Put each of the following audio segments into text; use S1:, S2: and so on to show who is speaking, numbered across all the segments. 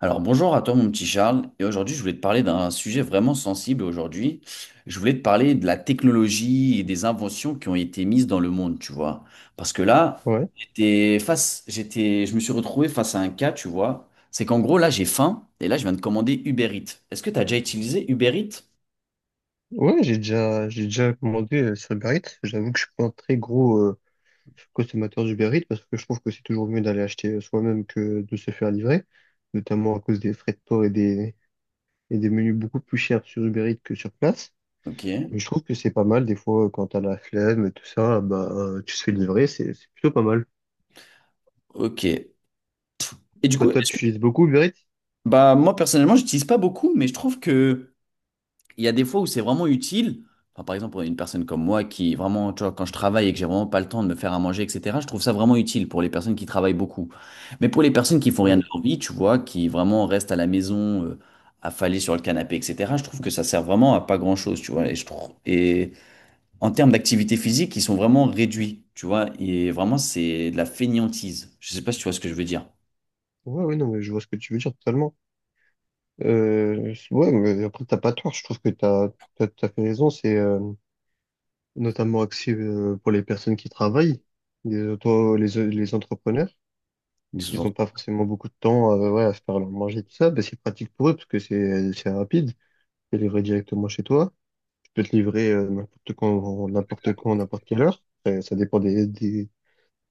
S1: Alors bonjour à toi mon petit Charles, et aujourd'hui je voulais te parler d'un sujet vraiment sensible aujourd'hui. Je voulais te parler de la technologie et des inventions qui ont été mises dans le monde, tu vois. Parce que là,
S2: Ouais,
S1: j'étais, je me suis retrouvé face à un cas, tu vois. C'est qu'en gros là j'ai faim, et là je viens de commander Uber Eats. Est-ce que tu as déjà utilisé Uber Eats?
S2: ouais, j'ai déjà commandé sur Uber Eats. J'avoue que je suis pas un très gros consommateur d'Uber Eats parce que je trouve que c'est toujours mieux d'aller acheter soi-même que de se faire livrer, notamment à cause des frais de port et des menus beaucoup plus chers sur Uber Eats que sur place.
S1: Ok,
S2: Mais je trouve que c'est pas mal des fois quand t'as la flemme et tout ça, tu te fais livrer, c'est plutôt pas mal.
S1: ok. Et du
S2: Toi,
S1: coup,
S2: toi,
S1: est-ce
S2: tu
S1: que...
S2: utilises beaucoup Uber Eats?
S1: Bah moi personnellement j'utilise pas beaucoup, mais je trouve que il y a des fois où c'est vraiment utile. Enfin, par exemple, pour une personne comme moi qui vraiment, tu vois, quand je travaille et que j'ai vraiment pas le temps de me faire à manger, etc., je trouve ça vraiment utile pour les personnes qui travaillent beaucoup. Mais pour les personnes qui font rien
S2: Ouais,
S1: de leur vie, tu vois, qui vraiment restent à la maison, affalées sur le canapé, etc., je trouve que ça sert vraiment à pas grand-chose, tu vois. Et je trouve, et en termes d'activité physique, ils sont vraiment réduits, tu vois. Et vraiment, c'est de la fainéantise. Je sais pas si tu vois ce que je veux dire.
S2: ouais, ouais, non, mais je vois ce que tu veux dire totalement. Ouais, mais après, t'as pas tort, je trouve que t'as fait raison, c'est. Notamment axé pour les personnes qui travaillent, les entrepreneurs,
S1: Ils
S2: qui
S1: sont-
S2: n'ont pas forcément beaucoup de temps à, ouais, à se faire leur manger, tout ça, ben, c'est pratique pour eux parce que c'est rapide, c'est livré directement chez toi. Tu peux te livrer n'importe quelle heure. Ça dépend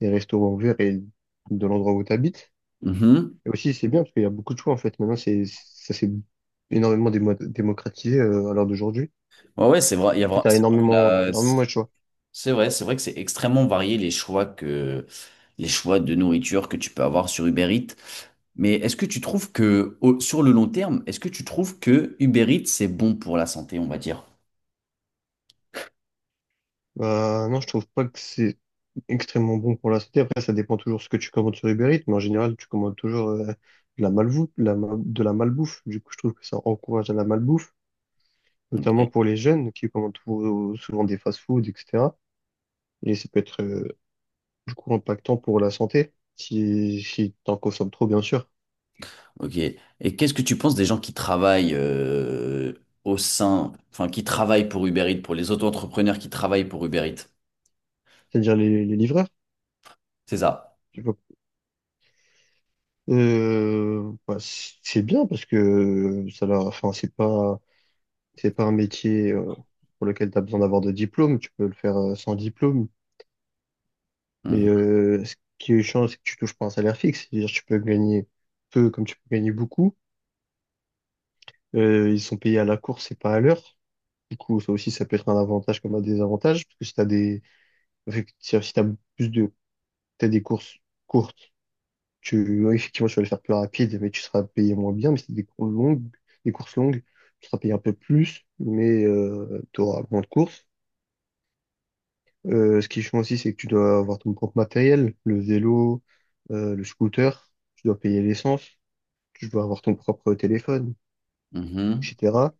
S2: des restaurants ouverts et de l'endroit où tu habites.
S1: Mhm.
S2: Et aussi, c'est bien parce qu'il y a beaucoup de choix en fait. Maintenant, c'est ça s'est énormément démocratisé à l'heure d'aujourd'hui.
S1: Ouais, ouais, c'est vrai. Il y a
S2: Du coup,
S1: vra- c'est vrai qu'on a-
S2: t'as énormément de choix.
S1: C'est vrai que c'est extrêmement varié, les choix de nourriture que tu peux avoir sur Uber Eats. Mais est-ce que tu trouves sur le long terme, est-ce que tu trouves que Uber Eats c'est bon pour la santé, on va dire?
S2: Bah, non, je trouve pas que c'est extrêmement bon pour la santé. Après, ça dépend toujours ce que tu commandes sur Uber Eats, mais en général, tu commandes toujours de la malbouffe, de la malbouffe. Du coup, je trouve que ça encourage à la malbouffe, notamment
S1: Ok.
S2: pour les jeunes qui commandent souvent des fast-food, etc. Et ça peut être du coup impactant pour la santé si t'en consommes trop, bien sûr.
S1: Ok. Et qu'est-ce que tu penses des gens qui travaillent au sein, enfin qui travaillent pour Uber Eats, pour les auto-entrepreneurs qui travaillent pour Uber Eats?
S2: C'est-à-dire les livreurs.
S1: C'est ça.
S2: Tu vois. Bah, c'est bien parce que ça leur, enfin, c'est pas un métier pour lequel tu as besoin d'avoir de diplôme, tu peux le faire sans diplôme, mais
S1: Mhm.
S2: ce qui change, c'est que tu touches pas un salaire fixe, c'est-à-dire que tu peux gagner peu comme tu peux gagner beaucoup. Ils sont payés à la course et pas à l'heure. Du coup, ça aussi, ça peut être un avantage comme un désavantage, parce que si t'as des, effectivement, si t'as plus de, t'as des courses courtes, effectivement, tu vas les faire plus rapide, mais tu seras payé moins bien, mais si t'as des courses longues, des courses longues, tu seras payé un peu plus, mais tu auras moins de courses. Ce qui est chiant aussi, c'est que tu dois avoir ton propre matériel, le vélo, le scooter, tu dois payer l'essence, tu dois avoir ton propre téléphone,
S1: Mhm.
S2: etc.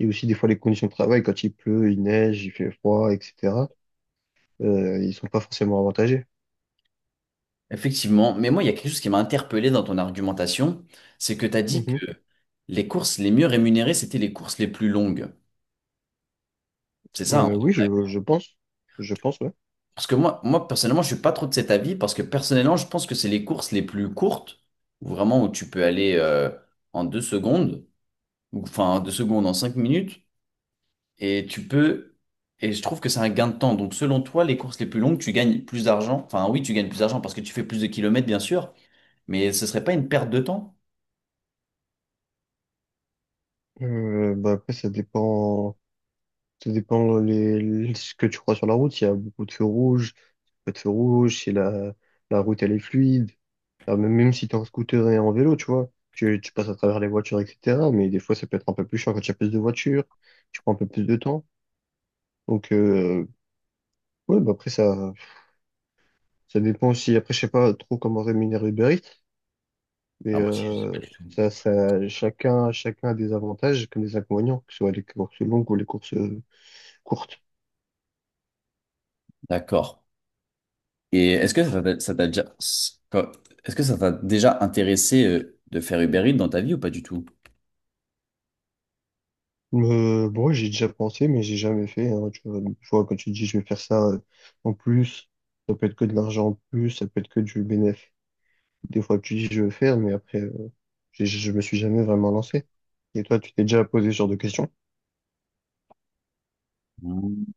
S2: Et aussi des fois les conditions de travail, quand il pleut, il neige, il fait froid, etc. Ils sont pas forcément avantagés.
S1: Effectivement, mais moi, il y a quelque chose qui m'a interpellé dans ton argumentation, c'est que tu as dit
S2: Mhm.
S1: que les courses les mieux rémunérées, c'était les courses les plus longues. C'est ça, hein?
S2: Oui, je pense. Je pense, ouais.
S1: Parce que moi, personnellement, je suis pas trop de cet avis, parce que personnellement, je pense que c'est les courses les plus courtes, où vraiment où tu peux aller en deux secondes, ou enfin en deux secondes, en cinq minutes, et tu peux... Et je trouve que c'est un gain de temps. Donc, selon toi, les courses les plus longues, tu gagnes plus d'argent. Enfin, oui, tu gagnes plus d'argent parce que tu fais plus de kilomètres, bien sûr, mais ce serait pas une perte de temps?
S2: Bah après, ça dépend ce que tu crois sur la route. Il y a beaucoup de feux rouges, pas de feux rouges, si la, la route elle est fluide. Ah, mais même si t'es en scooter et en vélo, tu vois, tu passes à travers les voitures, etc. Mais des fois, ça peut être un peu plus chiant quand tu as plus de voitures, tu prends un peu plus de temps. Donc, ouais, bah après, ça dépend aussi. Après, je sais pas trop comment rémunérer Uber Eats,
S1: Ah,
S2: mais
S1: moi, si, je sais pas du tout.
S2: ça, ça, chacun, chacun a des avantages comme des inconvénients, que ce soit les courses longues ou les courses courtes.
S1: D'accord. Et est-ce que ça t'a déjà, quand- est-ce que ça t'a déjà intéressé de faire Uber Eats dans ta vie ou pas du tout?
S2: Bon, ouais, j'ai déjà pensé, mais j'ai jamais fait, hein. Tu vois, tu vois, quand tu dis je vais faire ça en plus, ça peut être que de l'argent en plus, ça peut être que du bénéfice. Des fois, tu dis je veux faire, mais après, je me suis jamais vraiment lancé. Et toi, tu t'es déjà posé ce genre de questions?
S1: Mm.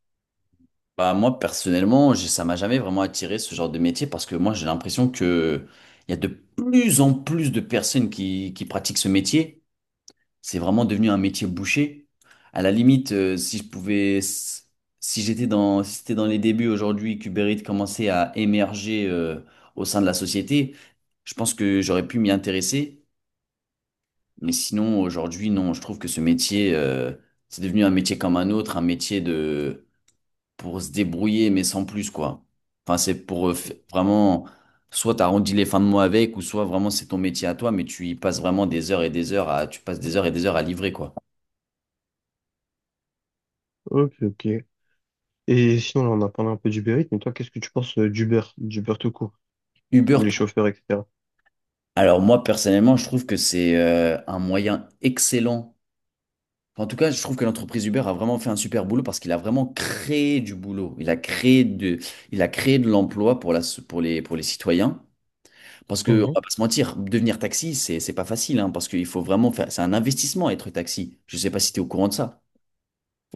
S1: Bah, moi, personnellement, ça m'a jamais vraiment attiré ce genre de métier parce que moi, j'ai l'impression que il y a de plus en plus de personnes qui pratiquent ce métier. C'est vraiment devenu un métier bouché. À la limite, si je pouvais, si c'était dans les débuts aujourd'hui, qu'Uber Eats commençait à émerger au sein de la société, je pense que j'aurais pu m'y intéresser. Mais sinon, aujourd'hui, non, je trouve que ce métier, c'est devenu un métier comme un autre, un métier de pour se débrouiller, mais sans plus, quoi. Enfin, c'est pour vraiment, soit t'arrondis les fins de mois avec, ou soit vraiment c'est ton métier à toi, mais tu y passes vraiment des heures et des heures à, tu passes des heures et des heures à livrer, quoi.
S2: Ok, ok. Et sinon, là, on a parlé un peu d'Uber Eats, mais toi, qu'est-ce que tu penses d'Uber, d'Uber tout court,
S1: Uber,
S2: les
S1: tout.
S2: chauffeurs, etc.
S1: Alors moi, personnellement, je trouve que c'est un moyen excellent. En tout cas, je trouve que l'entreprise Uber a vraiment fait un super boulot parce qu'il a vraiment créé du boulot. Il a créé de l'emploi pour pour les citoyens. Parce que, on
S2: Mhm.
S1: va pas se mentir, devenir taxi, c'est pas facile, hein, parce qu'il faut vraiment faire, c'est un investissement être taxi. Je sais pas si tu es au courant de ça.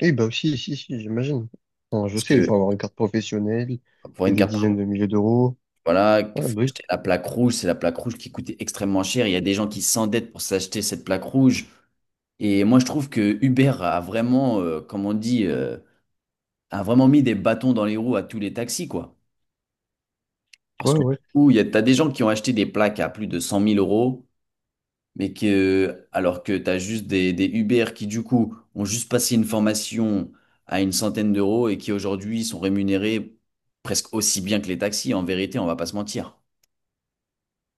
S2: Eh bah aussi, si, si, j'imagine. Enfin, je
S1: Parce
S2: sais, il
S1: que
S2: faut avoir une carte professionnelle
S1: pour
S2: et
S1: une
S2: des
S1: carte,
S2: dizaines de milliers d'euros.
S1: voilà,
S2: Ah,
S1: il
S2: bah
S1: faut
S2: oui,
S1: acheter la plaque rouge, c'est la plaque rouge qui coûtait extrêmement cher. Il y a des gens qui s'endettent pour s'acheter cette plaque rouge. Et moi, je trouve que Uber a vraiment, comme on dit, a vraiment mis des bâtons dans les roues à tous les taxis, quoi.
S2: ouais,
S1: Parce que, du
S2: ouais.
S1: coup, t'as des gens qui ont acheté des plaques à plus de 100 000 euros, mais que alors que tu as des Uber qui du coup ont juste passé une formation à une centaine d'euros et qui aujourd'hui sont rémunérés presque aussi bien que les taxis, en vérité, on va pas se mentir.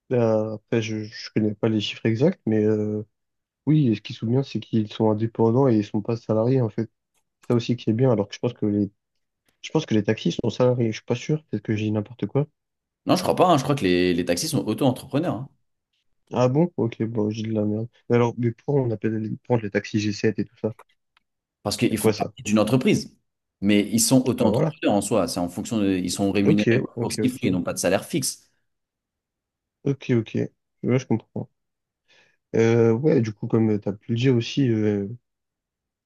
S2: Là, après, je connais pas les chiffres exacts, mais oui, et ce qui se souvient, c'est qu'ils sont indépendants et ils sont pas salariés, en fait. Ça aussi qui est bien, alors que je pense que les taxis sont salariés, je suis pas sûr, peut-être que j'ai dit n'importe quoi.
S1: Non, je crois pas, hein. Je crois que les taxis sont auto-entrepreneurs, hein,
S2: Ah bon? Ok, bon, j'ai de la merde. Mais alors, mais pourquoi on appelle les, pourquoi les taxis g sept et tout ça?
S1: parce qu'ils
S2: C'est
S1: font
S2: quoi ça?
S1: partie d'une entreprise. Mais ils sont
S2: Ah voilà.
S1: auto-entrepreneurs en soi, c'est en fonction de, ils sont
S2: Ok,
S1: rémunérés aux
S2: ok,
S1: courses qu'ils font, ils
S2: ok.
S1: n'ont pas de salaire fixe.
S2: Ok, ok. Ouais, je comprends. Ouais, du coup, comme t'as pu le dire aussi,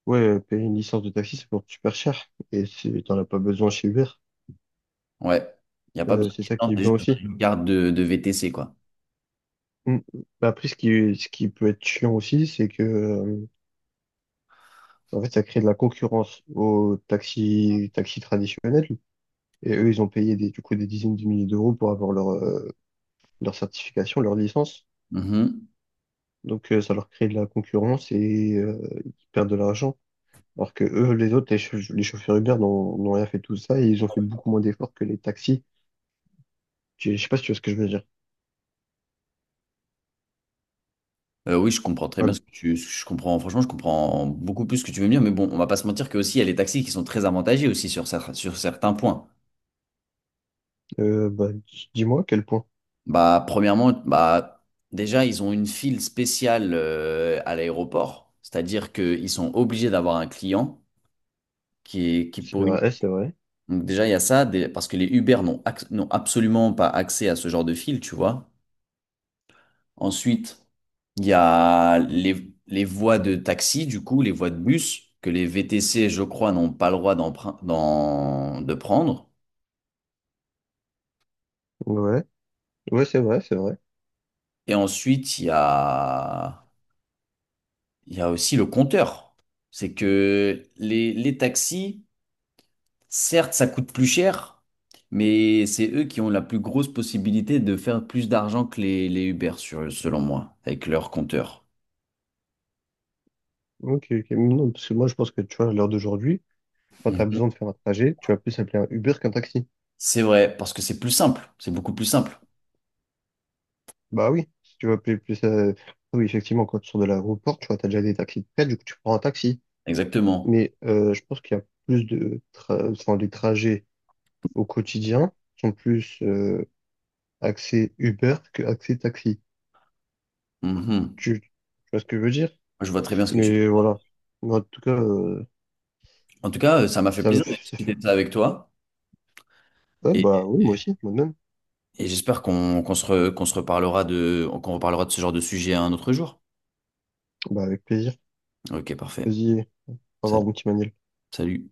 S2: ouais, payer une licence de taxi, ça coûte super cher. Et t'en as pas besoin chez Uber.
S1: Ouais, il n'y a pas besoin
S2: C'est
S1: qu'ils
S2: ça
S1: tentent,
S2: qui est
S1: c'est
S2: bien
S1: juste
S2: aussi.
S1: une carte de VTC, quoi.
S2: Mm. Bah, après, ce qui peut être chiant aussi, c'est que, en fait, ça crée de la concurrence aux taxis, taxis traditionnels. Et eux, ils ont payé des, du coup des dizaines de milliers d'euros pour avoir leur, leur certification, leur licence.
S1: Mhm.
S2: Donc ça leur crée de la concurrence et ils perdent de l'argent. Alors que eux, les chauffeurs Uber n'ont rien fait de tout ça et ils ont fait beaucoup moins d'efforts que les taxis. Je sais pas si tu vois ce que je veux dire.
S1: Oui, je comprends très bien
S2: Paul.
S1: ce que ce que je comprends. Franchement, je comprends beaucoup plus ce que tu veux me dire, mais bon, on va pas se mentir que aussi il y a les taxis qui sont très avantagés aussi sur certains points.
S2: Bah, dis-moi à quel point.
S1: Bah, premièrement, déjà, ils ont une file spéciale à l'aéroport, c'est-à-dire qu'ils sont obligés d'avoir un client qui est qui
S2: C'est
S1: pour une.
S2: vrai, c'est vrai.
S1: Donc déjà, il y a ça, parce que les Uber n'ont absolument pas accès à ce genre de file, tu vois. Ensuite, il y a les voies de taxi, du coup, les voies de bus, que les VTC, je crois, n'ont pas le droit de prendre.
S2: Ouais, ouais, c'est vrai, c'est vrai.
S1: Et ensuite, il y a aussi le compteur. C'est que les taxis, certes, ça coûte plus cher, mais c'est eux qui ont la plus grosse possibilité de faire plus d'argent que les Uber, selon moi, avec leur compteur.
S2: Ok, ok. Non, parce que moi, je pense que tu vois, à l'heure d'aujourd'hui, quand tu as
S1: Mhm.
S2: besoin de faire un trajet, tu vas plus appeler un Uber qu'un taxi.
S1: C'est vrai, parce que c'est plus simple. C'est beaucoup plus simple.
S2: Bah oui, si tu veux plus oui, effectivement, quand tu sors de l'aéroport, tu vois, t'as déjà des taxis de prête, du coup, tu prends un taxi.
S1: Exactement.
S2: Mais je pense qu'il y a enfin, les trajets au quotidien sont plus axés Uber que axés taxi.
S1: Mhm.
S2: Tu vois ce que je veux dire?
S1: Je vois très bien ce que tu
S2: Mais
S1: veux.
S2: voilà. Mais en tout cas,
S1: En tout cas, ça m'a fait
S2: ça me
S1: plaisir de
S2: fait, ça
S1: discuter
S2: fait-
S1: de ça avec toi.
S2: ouais,
S1: Et,
S2: bah oui,
S1: et
S2: moi aussi, moi-même.
S1: et j'espère qu'on qu'on se, re- qu'on se reparlera de, qu'on reparlera de ce genre de sujet un autre jour.
S2: Bah avec plaisir.
S1: Ok, parfait.
S2: Vas-y, au revoir,
S1: Salut.
S2: mon petit Manil.
S1: Salut.